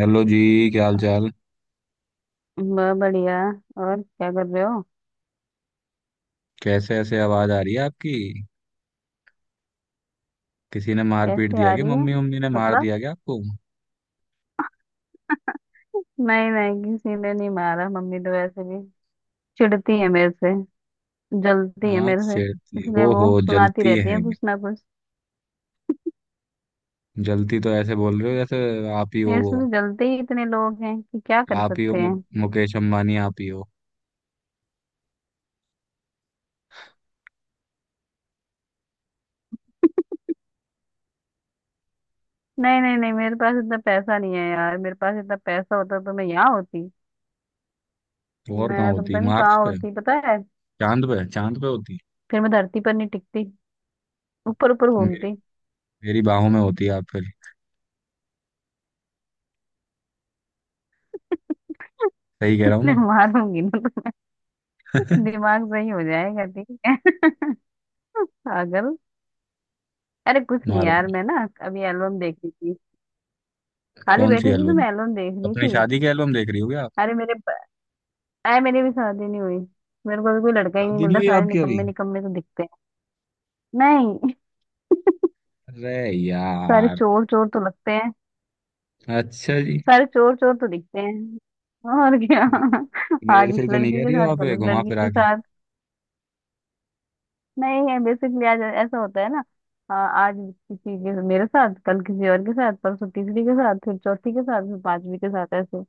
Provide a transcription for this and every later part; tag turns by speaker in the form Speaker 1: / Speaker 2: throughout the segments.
Speaker 1: Hello जी। क्या हाल चाल।
Speaker 2: वह बढ़िया। और क्या कर रहे हो।
Speaker 1: कैसे ऐसे आवाज आ रही है आपकी। किसी ने मार पीट
Speaker 2: कैसे
Speaker 1: दिया
Speaker 2: आ
Speaker 1: क्या?
Speaker 2: रही है?
Speaker 1: मम्मी मम्मी ने मार
Speaker 2: मतलब।
Speaker 1: दिया क्या आपको?
Speaker 2: नहीं नहीं किसी ने नहीं मारा। मम्मी तो वैसे भी चिढ़ती है मेरे से। जलती है
Speaker 1: हाँ,
Speaker 2: मेरे से।
Speaker 1: छेड़ती,
Speaker 2: इसलिए वो
Speaker 1: ओहो,
Speaker 2: सुनाती
Speaker 1: जलती
Speaker 2: रहती है
Speaker 1: है।
Speaker 2: कुछ ना कुछ।
Speaker 1: जलती तो ऐसे बोल रहे हो जैसे आप ही हो
Speaker 2: मेरे से
Speaker 1: वो।
Speaker 2: तो जलते ही इतने लोग हैं कि क्या कर
Speaker 1: आप ही हो,
Speaker 2: सकते हैं।
Speaker 1: मुकेश अंबानी आप ही हो।
Speaker 2: नहीं नहीं नहीं, मेरे पास इतना पैसा नहीं है यार। मेरे पास इतना पैसा होता तो मैं यहाँ होती।
Speaker 1: और कहाँ
Speaker 2: मैं तो
Speaker 1: होती?
Speaker 2: पता नहीं कहाँ
Speaker 1: मार्स पे?
Speaker 2: होती, पता है।
Speaker 1: चांद पे। चांद पे होती।
Speaker 2: फिर मैं धरती पर नहीं टिकती, ऊपर ऊपर
Speaker 1: मेरी
Speaker 2: घूमती।
Speaker 1: मेरी बाहों में होती आप फिर। सही कह रहा हूँ ना?
Speaker 2: मारूंगी ना तो दिमाग सही हो जाएगा, ठीक है। पागल। अरे कुछ नहीं
Speaker 1: मारो।
Speaker 2: यार, मैं ना अभी एल्बम देख रही थी। खाली
Speaker 1: कौन सी
Speaker 2: बैठी थी तो
Speaker 1: एल्बम?
Speaker 2: मैं एल्बम देख रही
Speaker 1: अपनी
Speaker 2: थी।
Speaker 1: शादी की एल्बम देख रही हो क्या आप?
Speaker 2: अरे मेरे अरे मेरी भी शादी नहीं हुई। मेरे को अभी कोई लड़का ही नहीं
Speaker 1: शादी
Speaker 2: मिल
Speaker 1: नहीं
Speaker 2: रहा,
Speaker 1: हुई
Speaker 2: सारे
Speaker 1: आपकी अभी?
Speaker 2: निकम्मे निकम्मे तो दिखते हैं। नहीं।
Speaker 1: अरे
Speaker 2: सारे
Speaker 1: यार।
Speaker 2: चोर चोर तो लगते हैं।
Speaker 1: अच्छा जी।
Speaker 2: सारे चोर चोर तो दिखते हैं, और क्या।
Speaker 1: मेरे
Speaker 2: आज इस
Speaker 1: से तो नहीं
Speaker 2: लड़की
Speaker 1: कह
Speaker 2: के
Speaker 1: रही हो
Speaker 2: साथ,
Speaker 1: आप
Speaker 2: कल
Speaker 1: ये
Speaker 2: उस
Speaker 1: घुमा
Speaker 2: लड़की
Speaker 1: फिरा
Speaker 2: के
Speaker 1: के?
Speaker 2: साथ। नहीं है, बेसिकली आज ऐसा होता है ना। आज किसी के मेरे साथ, कल किसी और के साथ, परसों तीसरी के साथ, फिर चौथी के साथ, फिर पांचवी के साथ, ऐसे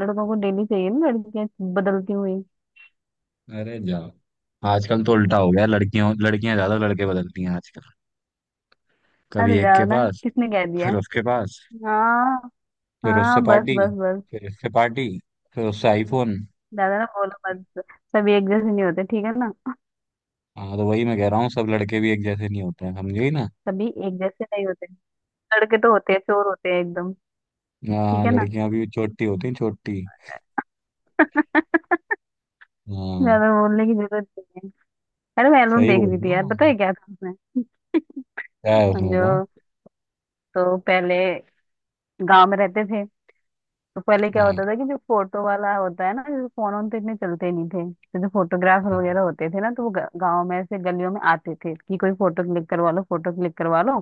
Speaker 2: लड़कों को डेली चाहिए ना लड़कियां बदलती हुई।
Speaker 1: अरे जाओ। आजकल तो उल्टा हो गया। लड़कियों लड़कियां ज्यादा लड़के बदलती हैं आजकल। कभी
Speaker 2: अरे
Speaker 1: एक
Speaker 2: जाओ
Speaker 1: के
Speaker 2: ना,
Speaker 1: पास,
Speaker 2: किसने कह दिया।
Speaker 1: फिर उसके पास,
Speaker 2: हाँ।
Speaker 1: फिर उससे
Speaker 2: हाँ बस
Speaker 1: पार्टी,
Speaker 2: बस बस।
Speaker 1: फिर इससे पार्टी, फिर उससे आईफोन।
Speaker 2: ज्यादा ना बोलो मत, सभी एक जैसे नहीं होते, ठीक है ना।
Speaker 1: हाँ तो वही मैं कह रहा हूँ, सब लड़के भी एक जैसे नहीं होते हैं, समझे ना।
Speaker 2: सभी एक जैसे नहीं होते। लड़के तो होते हैं, चोर होते हैं एकदम, ठीक
Speaker 1: हाँ,
Speaker 2: है ना।
Speaker 1: लड़कियां भी छोटी होती हैं, छोटी। हाँ।
Speaker 2: ज्यादा बोलने की जरूरत नहीं है। अरे मैं एल्बम
Speaker 1: सही
Speaker 2: देख
Speaker 1: बोल
Speaker 2: रही
Speaker 1: रहा
Speaker 2: थी यार,
Speaker 1: हूँ
Speaker 2: पता
Speaker 1: मैं।
Speaker 2: है क्या था उसमें।
Speaker 1: क्या है उसमें तो?
Speaker 2: समझो, तो पहले गांव में रहते थे। तो पहले क्या
Speaker 1: हाँ।
Speaker 2: होता था कि जो फोटो वाला होता है ना, जैसे फोन वोन तो इतने चलते नहीं थे, तो जो फोटोग्राफर वगैरह होते थे ना, तो वो गांव में ऐसे गलियों में आते थे कि कोई फोटो क्लिक करवा लो, फोटो क्लिक करवा लो।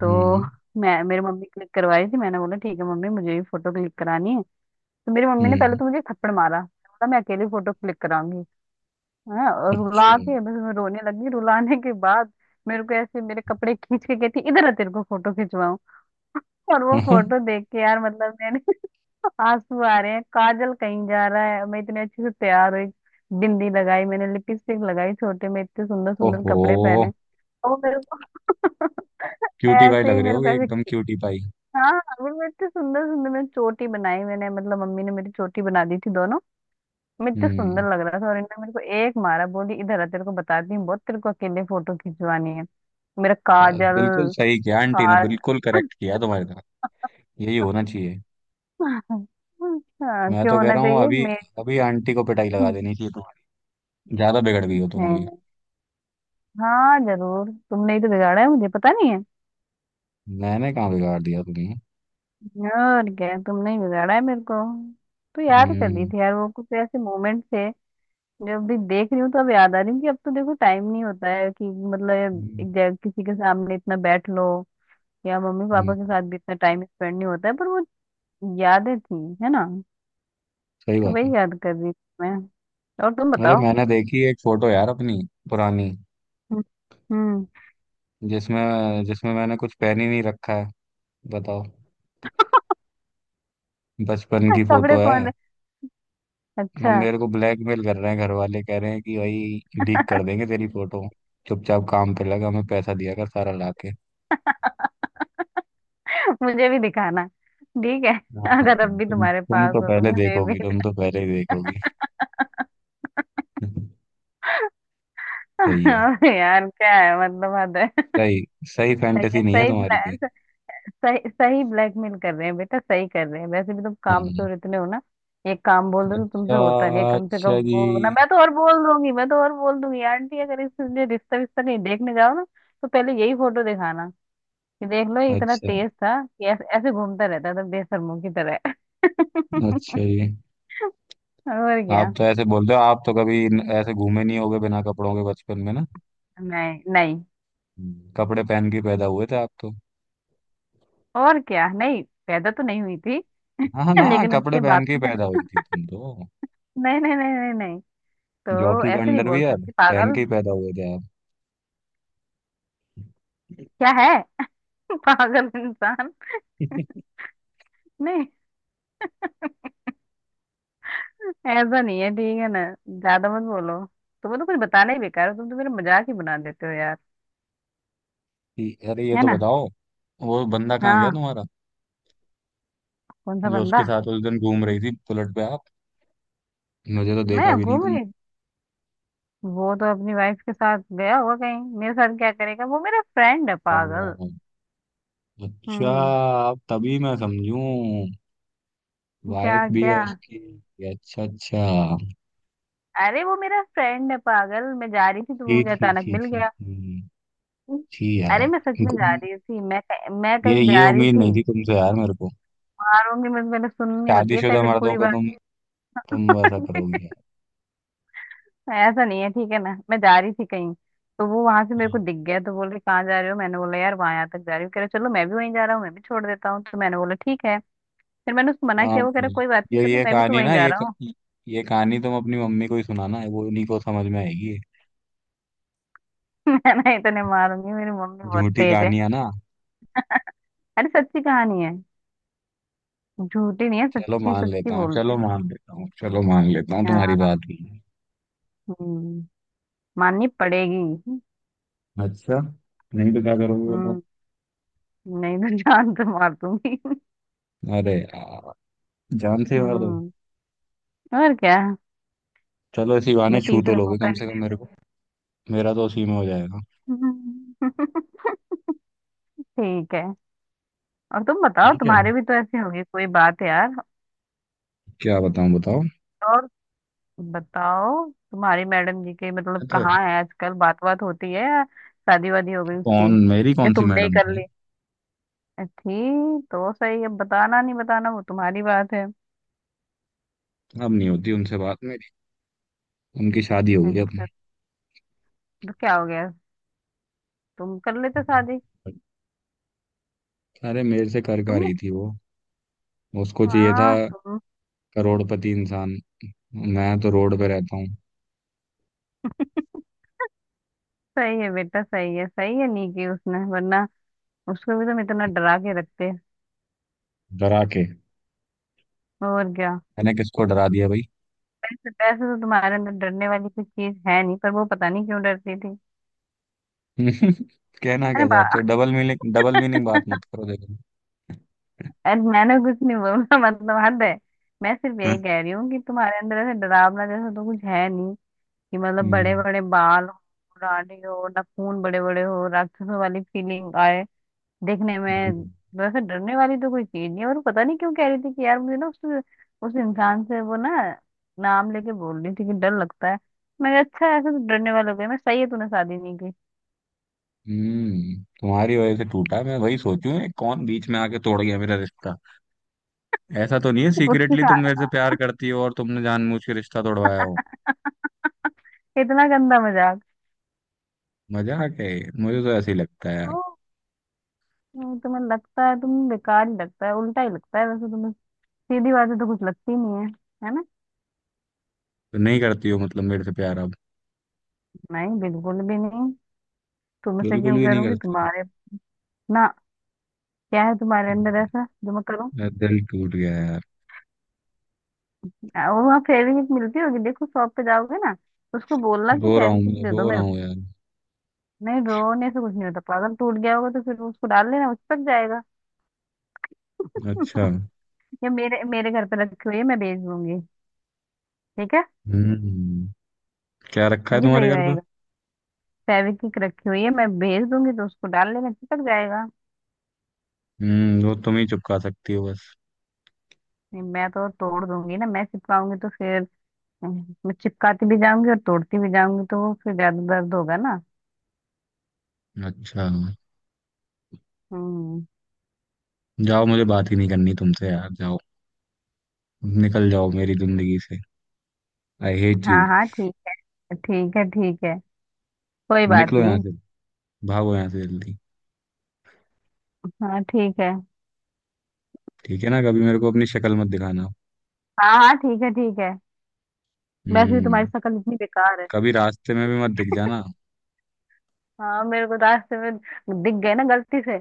Speaker 2: तो
Speaker 1: हम्म।
Speaker 2: मैं मेरे मम्मी क्लिक करवा रही थी, मैंने बोला ठीक है मम्मी मुझे भी फोटो क्लिक करानी है। तो मेरी मम्मी ने पहले
Speaker 1: हम्म।
Speaker 2: तो मुझे थप्पड़ मारा। मैंने बोला मैं अकेली फोटो क्लिक कराऊंगी। हाँ, और
Speaker 1: अच्छा।
Speaker 2: रुला के बस, मैं रोने लगी। रुलाने के बाद मेरे को ऐसे मेरे कपड़े खींच के कहती, इधर आ तेरे को फोटो खिंचवाऊं। और वो फोटो देख के यार, मतलब मैंने आंसू आ रहे हैं, काजल कहीं जा रहा है, मैं इतने अच्छे से तैयार हुई। बिंदी लगाई मैंने, लिपस्टिक लगाई, छोटे में इतने सुंदर सुंदर
Speaker 1: ओहो,
Speaker 2: कपड़े पहने। और वो मेरे को
Speaker 1: क्यूटी पाई
Speaker 2: ऐसे
Speaker 1: लग
Speaker 2: ही,
Speaker 1: रहे
Speaker 2: मेरे
Speaker 1: हो,
Speaker 2: को
Speaker 1: एकदम
Speaker 2: ऐसे।
Speaker 1: Cutie pie.
Speaker 2: हाँ अभी मैं इतने सुंदर सुंदर, मैं चोटी बनाई मैंने, मतलब मम्मी ने मेरी चोटी बना दी थी दोनों। मैं इतने
Speaker 1: हम्म।
Speaker 2: सुंदर लग रहा था, और इन्होंने मेरे को एक मारा, बोली इधर आ तेरे को बताती हूँ, बहुत तेरे को अकेले फोटो खिंचवानी है, मेरा
Speaker 1: बस,
Speaker 2: काजल
Speaker 1: बिल्कुल सही किया आंटी ने,
Speaker 2: हार।
Speaker 1: बिल्कुल करेक्ट किया तुम्हारी तरफ। यही होना चाहिए।
Speaker 2: हाँ,
Speaker 1: मैं
Speaker 2: क्यों
Speaker 1: तो कह
Speaker 2: होना
Speaker 1: रहा हूँ
Speaker 2: चाहिए
Speaker 1: अभी
Speaker 2: मैं?
Speaker 1: अभी आंटी को पिटाई लगा
Speaker 2: नहीं
Speaker 1: देनी चाहिए तुम्हारी। ज्यादा बिगड़ गई हो तुम अभी।
Speaker 2: नहीं। हाँ जरूर, तुमने ही तो बिगाड़ा है मुझे, पता नहीं
Speaker 1: मैंने कहाँ बिगाड़ दिया तुम्हें?
Speaker 2: है, और क्या, तुमने ही बिगाड़ा है मेरे को। तो याद कर दी
Speaker 1: हम्म।
Speaker 2: थी यार, वो कुछ ऐसे मोमेंट थे, जब भी देख रही हूँ तो अब याद आ रही हूँ कि अब तो देखो टाइम नहीं होता है कि मतलब
Speaker 1: हम्म।
Speaker 2: एक जगह किसी के सामने इतना बैठ लो, या मम्मी पापा
Speaker 1: हम्म।
Speaker 2: के साथ भी इतना टाइम स्पेंड नहीं होता है, पर वो यादें थी, है ना।
Speaker 1: सही
Speaker 2: तो
Speaker 1: बात है।
Speaker 2: वही याद कर रही थी मैं। और तुम
Speaker 1: अरे
Speaker 2: बताओ।
Speaker 1: मैंने देखी एक फोटो यार, अपनी पुरानी।
Speaker 2: हम्म। हम्म।
Speaker 1: जिसमें जिसमें मैंने कुछ पहन ही नहीं रखा है, बताओ। बचपन की फोटो
Speaker 2: कपड़े कौन
Speaker 1: है।
Speaker 2: से-
Speaker 1: हम
Speaker 2: अच्छा।
Speaker 1: मेरे को ब्लैकमेल कर रहे हैं घर वाले, कह रहे हैं कि भाई लीक कर देंगे तेरी फोटो, चुपचाप काम पे लगा, हमें पैसा दिया कर सारा लाके।
Speaker 2: मुझे भी दिखाना, ठीक है।
Speaker 1: हाँ,
Speaker 2: अगर अब भी
Speaker 1: तुम
Speaker 2: तुम्हारे
Speaker 1: तुम
Speaker 2: पास
Speaker 1: तो
Speaker 2: हो तो
Speaker 1: पहले
Speaker 2: मुझे भी।
Speaker 1: देखोगी, तुम तो पहले ही देखोगी। सही है,
Speaker 2: अरे यार क्या है, मतलब हद है।
Speaker 1: सही। सही
Speaker 2: सही है,
Speaker 1: फैंटेसी नहीं है
Speaker 2: सही
Speaker 1: तुम्हारी ये।
Speaker 2: सही। सही ब्लैकमेल कर रहे हैं बेटा, सही कर रहे हैं। वैसे भी तुम
Speaker 1: हाँ।
Speaker 2: कामचोर इतने हो ना, एक काम बोल दो तो तुमसे
Speaker 1: अच्छा।
Speaker 2: होता नहीं है, कम से कम
Speaker 1: अच्छा जी।
Speaker 2: वो ना, मैं तो और बोल दूंगी, मैं तो और बोल दूंगी आंटी, अगर इसलिए रिश्ता विश्ता कहीं देखने जाओ ना, तो पहले यही फोटो दिखाना कि देख लो ये इतना
Speaker 1: अच्छा।
Speaker 2: तेज था कि ऐसे ऐसे घूमता रहता था बेशर्मों की तरह।
Speaker 1: अच्छा जी।
Speaker 2: और क्या।
Speaker 1: आप तो ऐसे बोल रहे हो आप तो कभी ऐसे घूमे नहीं होगे बिना कपड़ों के बचपन में, ना।
Speaker 2: नहीं नहीं,
Speaker 1: हम्म। कपड़े पहन के ही पैदा हुए थे आप तो।
Speaker 2: और क्या नहीं पैदा तो नहीं हुई थी।
Speaker 1: हाँ हाँ, ना
Speaker 2: लेकिन
Speaker 1: कपड़े
Speaker 2: उसके बाद
Speaker 1: पहन के ही
Speaker 2: तो
Speaker 1: पैदा हुई थी तुम तो।
Speaker 2: मैंने नहीं नहीं नहीं नहीं नहीं। तो
Speaker 1: जॉकी का
Speaker 2: ऐसे नहीं बोल
Speaker 1: अंडरवियर
Speaker 2: सकती
Speaker 1: पहन
Speaker 2: पागल।
Speaker 1: के ही पैदा हुए थे आप।
Speaker 2: क्या है। पागल इंसान। नहीं ऐसा नहीं है, ठीक है ना। ज्यादा मत बोलो। तुम्हें तो कुछ बताना ही बेकार है, तुम तो मेरा मजाक ही बना देते हो यार,
Speaker 1: अरे ये
Speaker 2: है
Speaker 1: तो
Speaker 2: ना।
Speaker 1: बताओ, वो बंदा कहाँ गया
Speaker 2: हाँ।
Speaker 1: तुम्हारा,
Speaker 2: कौन सा
Speaker 1: जो
Speaker 2: बंदा?
Speaker 1: उसके साथ उस दिन घूम रही थी बुलेट पे आप। मुझे तो देखा
Speaker 2: मैं
Speaker 1: भी नहीं
Speaker 2: घूम
Speaker 1: तुमने।
Speaker 2: रही। वो तो अपनी वाइफ के साथ गया होगा कहीं, मेरे साथ क्या करेगा, वो मेरा फ्रेंड है पागल।
Speaker 1: ओह, अच्छा,
Speaker 2: हम्म।
Speaker 1: आप तभी मैं समझूं। वाइफ
Speaker 2: क्या
Speaker 1: भी है
Speaker 2: क्या?
Speaker 1: उसकी। अच्छा अच्छा।
Speaker 2: अरे वो मेरा फ्रेंड है पागल, मैं जा रही थी तो वो
Speaker 1: ठीक,
Speaker 2: मुझे
Speaker 1: ठीक,
Speaker 2: अचानक
Speaker 1: ठीक,
Speaker 2: मिल
Speaker 1: ठीक,
Speaker 2: गया।
Speaker 1: ठीक। ठीक
Speaker 2: अरे
Speaker 1: यार।
Speaker 2: मैं सच में
Speaker 1: तुम-
Speaker 2: जा रही थी, मैं
Speaker 1: ये
Speaker 2: कहीं
Speaker 1: ये
Speaker 2: जा रही
Speaker 1: उम्मीद
Speaker 2: थी।
Speaker 1: नहीं थी तुमसे यार मेरे को।
Speaker 2: मारूंगी मैं, पहले सुननी होती है
Speaker 1: शादीशुदा
Speaker 2: पहले
Speaker 1: मर्दों
Speaker 2: पूरी
Speaker 1: पे तुम वैसा
Speaker 2: बात।
Speaker 1: करोगी यार।
Speaker 2: ऐसा नहीं है ठीक है ना, मैं जा रही थी कहीं, तो वो वहां से मेरे को दिख गया, तो बोले कहाँ जा रहे हो, मैंने बोला यार वहां, यहाँ तक जा रही हूँ, कह रहे चलो मैं भी वहीं जा रहा हूँ, मैं भी छोड़ देता हूँ, तो मैंने बोला ठीक है। फिर मैंने उसको मना
Speaker 1: हाँ
Speaker 2: किया, वो कह
Speaker 1: हाँ,
Speaker 2: रहा कोई बात नहीं
Speaker 1: ये
Speaker 2: चलो,
Speaker 1: ये
Speaker 2: मैं भी तो
Speaker 1: कहानी
Speaker 2: वहीं
Speaker 1: ना,
Speaker 2: जा रहा हूँ।
Speaker 1: ये कहानी तुम अपनी मम्मी को ही सुनाना, वो उन्हीं को समझ में आएगी।
Speaker 2: मैंने इतने मारूंगी, मेरी मम्मी बहुत
Speaker 1: झूठी
Speaker 2: तेज है।
Speaker 1: कहानियां ना।
Speaker 2: अरे सच्ची कहानी है, झूठी नहीं है,
Speaker 1: चलो
Speaker 2: सच्ची
Speaker 1: मान
Speaker 2: सच्ची
Speaker 1: लेता हूँ,
Speaker 2: बोलते
Speaker 1: चलो
Speaker 2: हो।
Speaker 1: मान लेता हूँ, चलो मान लेता हूँ तुम्हारी
Speaker 2: हाँ।
Speaker 1: बात भी।
Speaker 2: हम्म, माननी पड़ेगी।
Speaker 1: अच्छा। नहीं तो क्या करोगे बताओ?
Speaker 2: हम्म। नहीं तो जान तो मार दूंगी।
Speaker 1: अरे यार, जान से मार दो।
Speaker 2: हम्म, और क्या।
Speaker 1: चलो इसी बहाने
Speaker 2: मैं
Speaker 1: छू तो
Speaker 2: तीसरा
Speaker 1: लोगे
Speaker 2: मौका
Speaker 1: कम
Speaker 2: नहीं
Speaker 1: से कम
Speaker 2: देता।
Speaker 1: मेरे को। मेरा तो उसी में हो जाएगा।
Speaker 2: हम्म, ठीक है। और तुम बताओ,
Speaker 1: ठीक है।
Speaker 2: तुम्हारे भी तो ऐसे होगी कोई बात यार।
Speaker 1: क्या बताऊँ, बताओ।
Speaker 2: और बताओ तुम्हारी मैडम जी के, मतलब
Speaker 1: मैं तो।
Speaker 2: कहाँ है आजकल, बात बात होती है या शादी वादी हो गई उसकी,
Speaker 1: कौन मेरी
Speaker 2: या
Speaker 1: कौन सी
Speaker 2: तुमने ही
Speaker 1: मैडम
Speaker 2: कर
Speaker 1: थी?
Speaker 2: ली? ठीक तो सही है, बताना नहीं बताना वो तुम्हारी बात है।
Speaker 1: अब नहीं होती उनसे बात मेरी। उनकी शादी हो गई अब।
Speaker 2: अच्छा। तो क्या हो गया, तुम कर लेते शादी।
Speaker 1: अरे मेरे से कर का
Speaker 2: तुमने।
Speaker 1: रही थी वो। उसको चाहिए था
Speaker 2: हाँ तुम।
Speaker 1: करोड़पति इंसान, मैं तो रोड पे रहता हूँ।
Speaker 2: सही है बेटा, सही है, सही है, नहीं की उसने वरना उसको भी तुम इतना डरा के रखते,
Speaker 1: डरा के?
Speaker 2: और क्या।
Speaker 1: मैंने किसको डरा दिया भाई?
Speaker 2: पैसे, पैसे तो तुम्हारे अंदर डरने वाली कोई चीज है नहीं, पर वो पता नहीं क्यों डरती थी।
Speaker 1: हम्म, कहना
Speaker 2: अरे
Speaker 1: क्या
Speaker 2: बा
Speaker 1: चाहते हो? डबल मीनिंग बात मत करो देखो।
Speaker 2: अरे मैंने कुछ नहीं बोला, मतलब हद है। मैं सिर्फ
Speaker 1: हम्म।
Speaker 2: यही कह रही हूँ कि तुम्हारे अंदर ऐसे डरावना जैसा तो कुछ है नहीं, कि मतलब बड़े
Speaker 1: हम्म।
Speaker 2: बड़े बाल हो, दाढ़ी हो, नाखून बड़े बड़े हो, राक्षसों वाली फीलिंग आए देखने में। वैसे डरने वाली तो कोई चीज नहीं है, और पता नहीं क्यों कह रही थी कि यार मुझे ना उस इंसान से वो ना, नाम लेके बोल रही थी कि डर लगता है। मैंने अच्छा, ऐसे तो डरने वाले हो गए, मैं सही है तूने शादी नहीं की
Speaker 1: तुम्हारी वजह से टूटा। मैं वही सोचूं ये कौन बीच में आके तोड़ गया मेरा रिश्ता। ऐसा तो नहीं है
Speaker 2: उसके
Speaker 1: सीक्रेटली
Speaker 2: साथ।
Speaker 1: तुम मेरे से प्यार करती हो और तुमने जानबूझ के रिश्ता तोड़वाया हो?
Speaker 2: इतना गंदा मजाक।
Speaker 1: मजाक है ये। मुझे तो ऐसे ही लगता है यार।
Speaker 2: नहीं, तुम्हें लगता है तुम्हें बेकार ही लगता है, उल्टा ही लगता है वैसे तुम्हें, सीधी बातें तो कुछ लगती नहीं है, है ना।
Speaker 1: तो नहीं करती हो मतलब मेरे से प्यार अब?
Speaker 2: नहीं बिल्कुल भी नहीं, तुमसे
Speaker 1: बिल्कुल
Speaker 2: क्यों
Speaker 1: भी नहीं
Speaker 2: करूंगी
Speaker 1: करती।
Speaker 2: तुम्हारे। ना, क्या है तुम्हारे अंदर
Speaker 1: हम्म,
Speaker 2: ऐसा जो मैं करूँ।
Speaker 1: मेरा दिल टूट गया यार।
Speaker 2: और वहाँ फेविक्विक मिलती होगी, देखो शॉप पे जाओगे ना, उसको बोलना कि
Speaker 1: रो रहा हूँ
Speaker 2: फेविक्विक
Speaker 1: मैं,
Speaker 2: दे दो
Speaker 1: रो रहा
Speaker 2: मेरे को।
Speaker 1: हूँ यार।
Speaker 2: नहीं रोने से कुछ नहीं होता पागल, टूट गया होगा तो फिर उसको डाल लेना, उस तक जाएगा।
Speaker 1: अच्छा।
Speaker 2: या मेरे मेरे घर पे रखी हुई है, मैं भेज दूंगी, ठीक है।
Speaker 1: हम्म। क्या रखा है
Speaker 2: ये
Speaker 1: तुम्हारे
Speaker 2: सही
Speaker 1: घर?
Speaker 2: रहेगा, फेविक्विक रखी हुई है, मैं भेज दूंगी तो उसको डाल लेना चिपक जाएगा।
Speaker 1: हम्म, वो तुम ही चुपका सकती हो बस।
Speaker 2: नहीं मैं तो तोड़ दूंगी ना, मैं चिपकाऊंगी तो फिर, मैं चिपकाती भी जाऊंगी और तोड़ती भी जाऊंगी, तो वो फिर ज्यादा दर्द होगा ना।
Speaker 1: अच्छा।
Speaker 2: हम्म।
Speaker 1: जाओ, मुझे बात ही नहीं करनी तुमसे यार, जाओ। निकल जाओ मेरी जिंदगी से। I hate you.
Speaker 2: हाँ हाँ ठीक है, ठीक है, ठीक है, कोई बात
Speaker 1: निकलो यहाँ
Speaker 2: नहीं।
Speaker 1: से। भागो यहाँ से जल्दी।
Speaker 2: हाँ ठीक है।
Speaker 1: ठीक है ना, कभी मेरे को अपनी शक्ल मत दिखाना।
Speaker 2: हाँ हाँ ठीक है, ठीक है। वैसे भी तुम्हारी
Speaker 1: हम्म।
Speaker 2: शक्ल इतनी बेकार है।
Speaker 1: कभी रास्ते में भी मत दिख जाना।
Speaker 2: हाँ मेरे को रास्ते में दिख गए ना गलती से,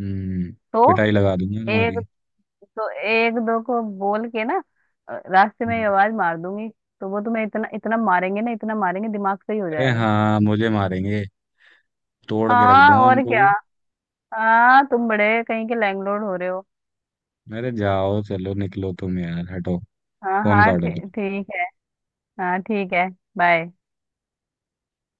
Speaker 1: हम्म।
Speaker 2: तो
Speaker 1: पिटाई लगा दूंगा तुम्हारी।
Speaker 2: एक, तो एक दो को बोल के ना, रास्ते में ये
Speaker 1: हम्म,
Speaker 2: आवाज मार दूंगी, तो वो तुम्हें इतना इतना मारेंगे ना, इतना मारेंगे दिमाग सही हो
Speaker 1: अरे
Speaker 2: जाएगा।
Speaker 1: हाँ, मुझे मारेंगे? तोड़ के रख
Speaker 2: हाँ
Speaker 1: दूंगा
Speaker 2: और
Speaker 1: उनको
Speaker 2: क्या।
Speaker 1: भी।
Speaker 2: हाँ तुम बड़े कहीं के लैंडलॉर्ड हो रहे हो।
Speaker 1: अरे जाओ, चलो निकलो तुम, यार हटो।
Speaker 2: हाँ
Speaker 1: फोन
Speaker 2: हाँ
Speaker 1: काटो तुम।
Speaker 2: ठीक है। हाँ ठीक है। बाय।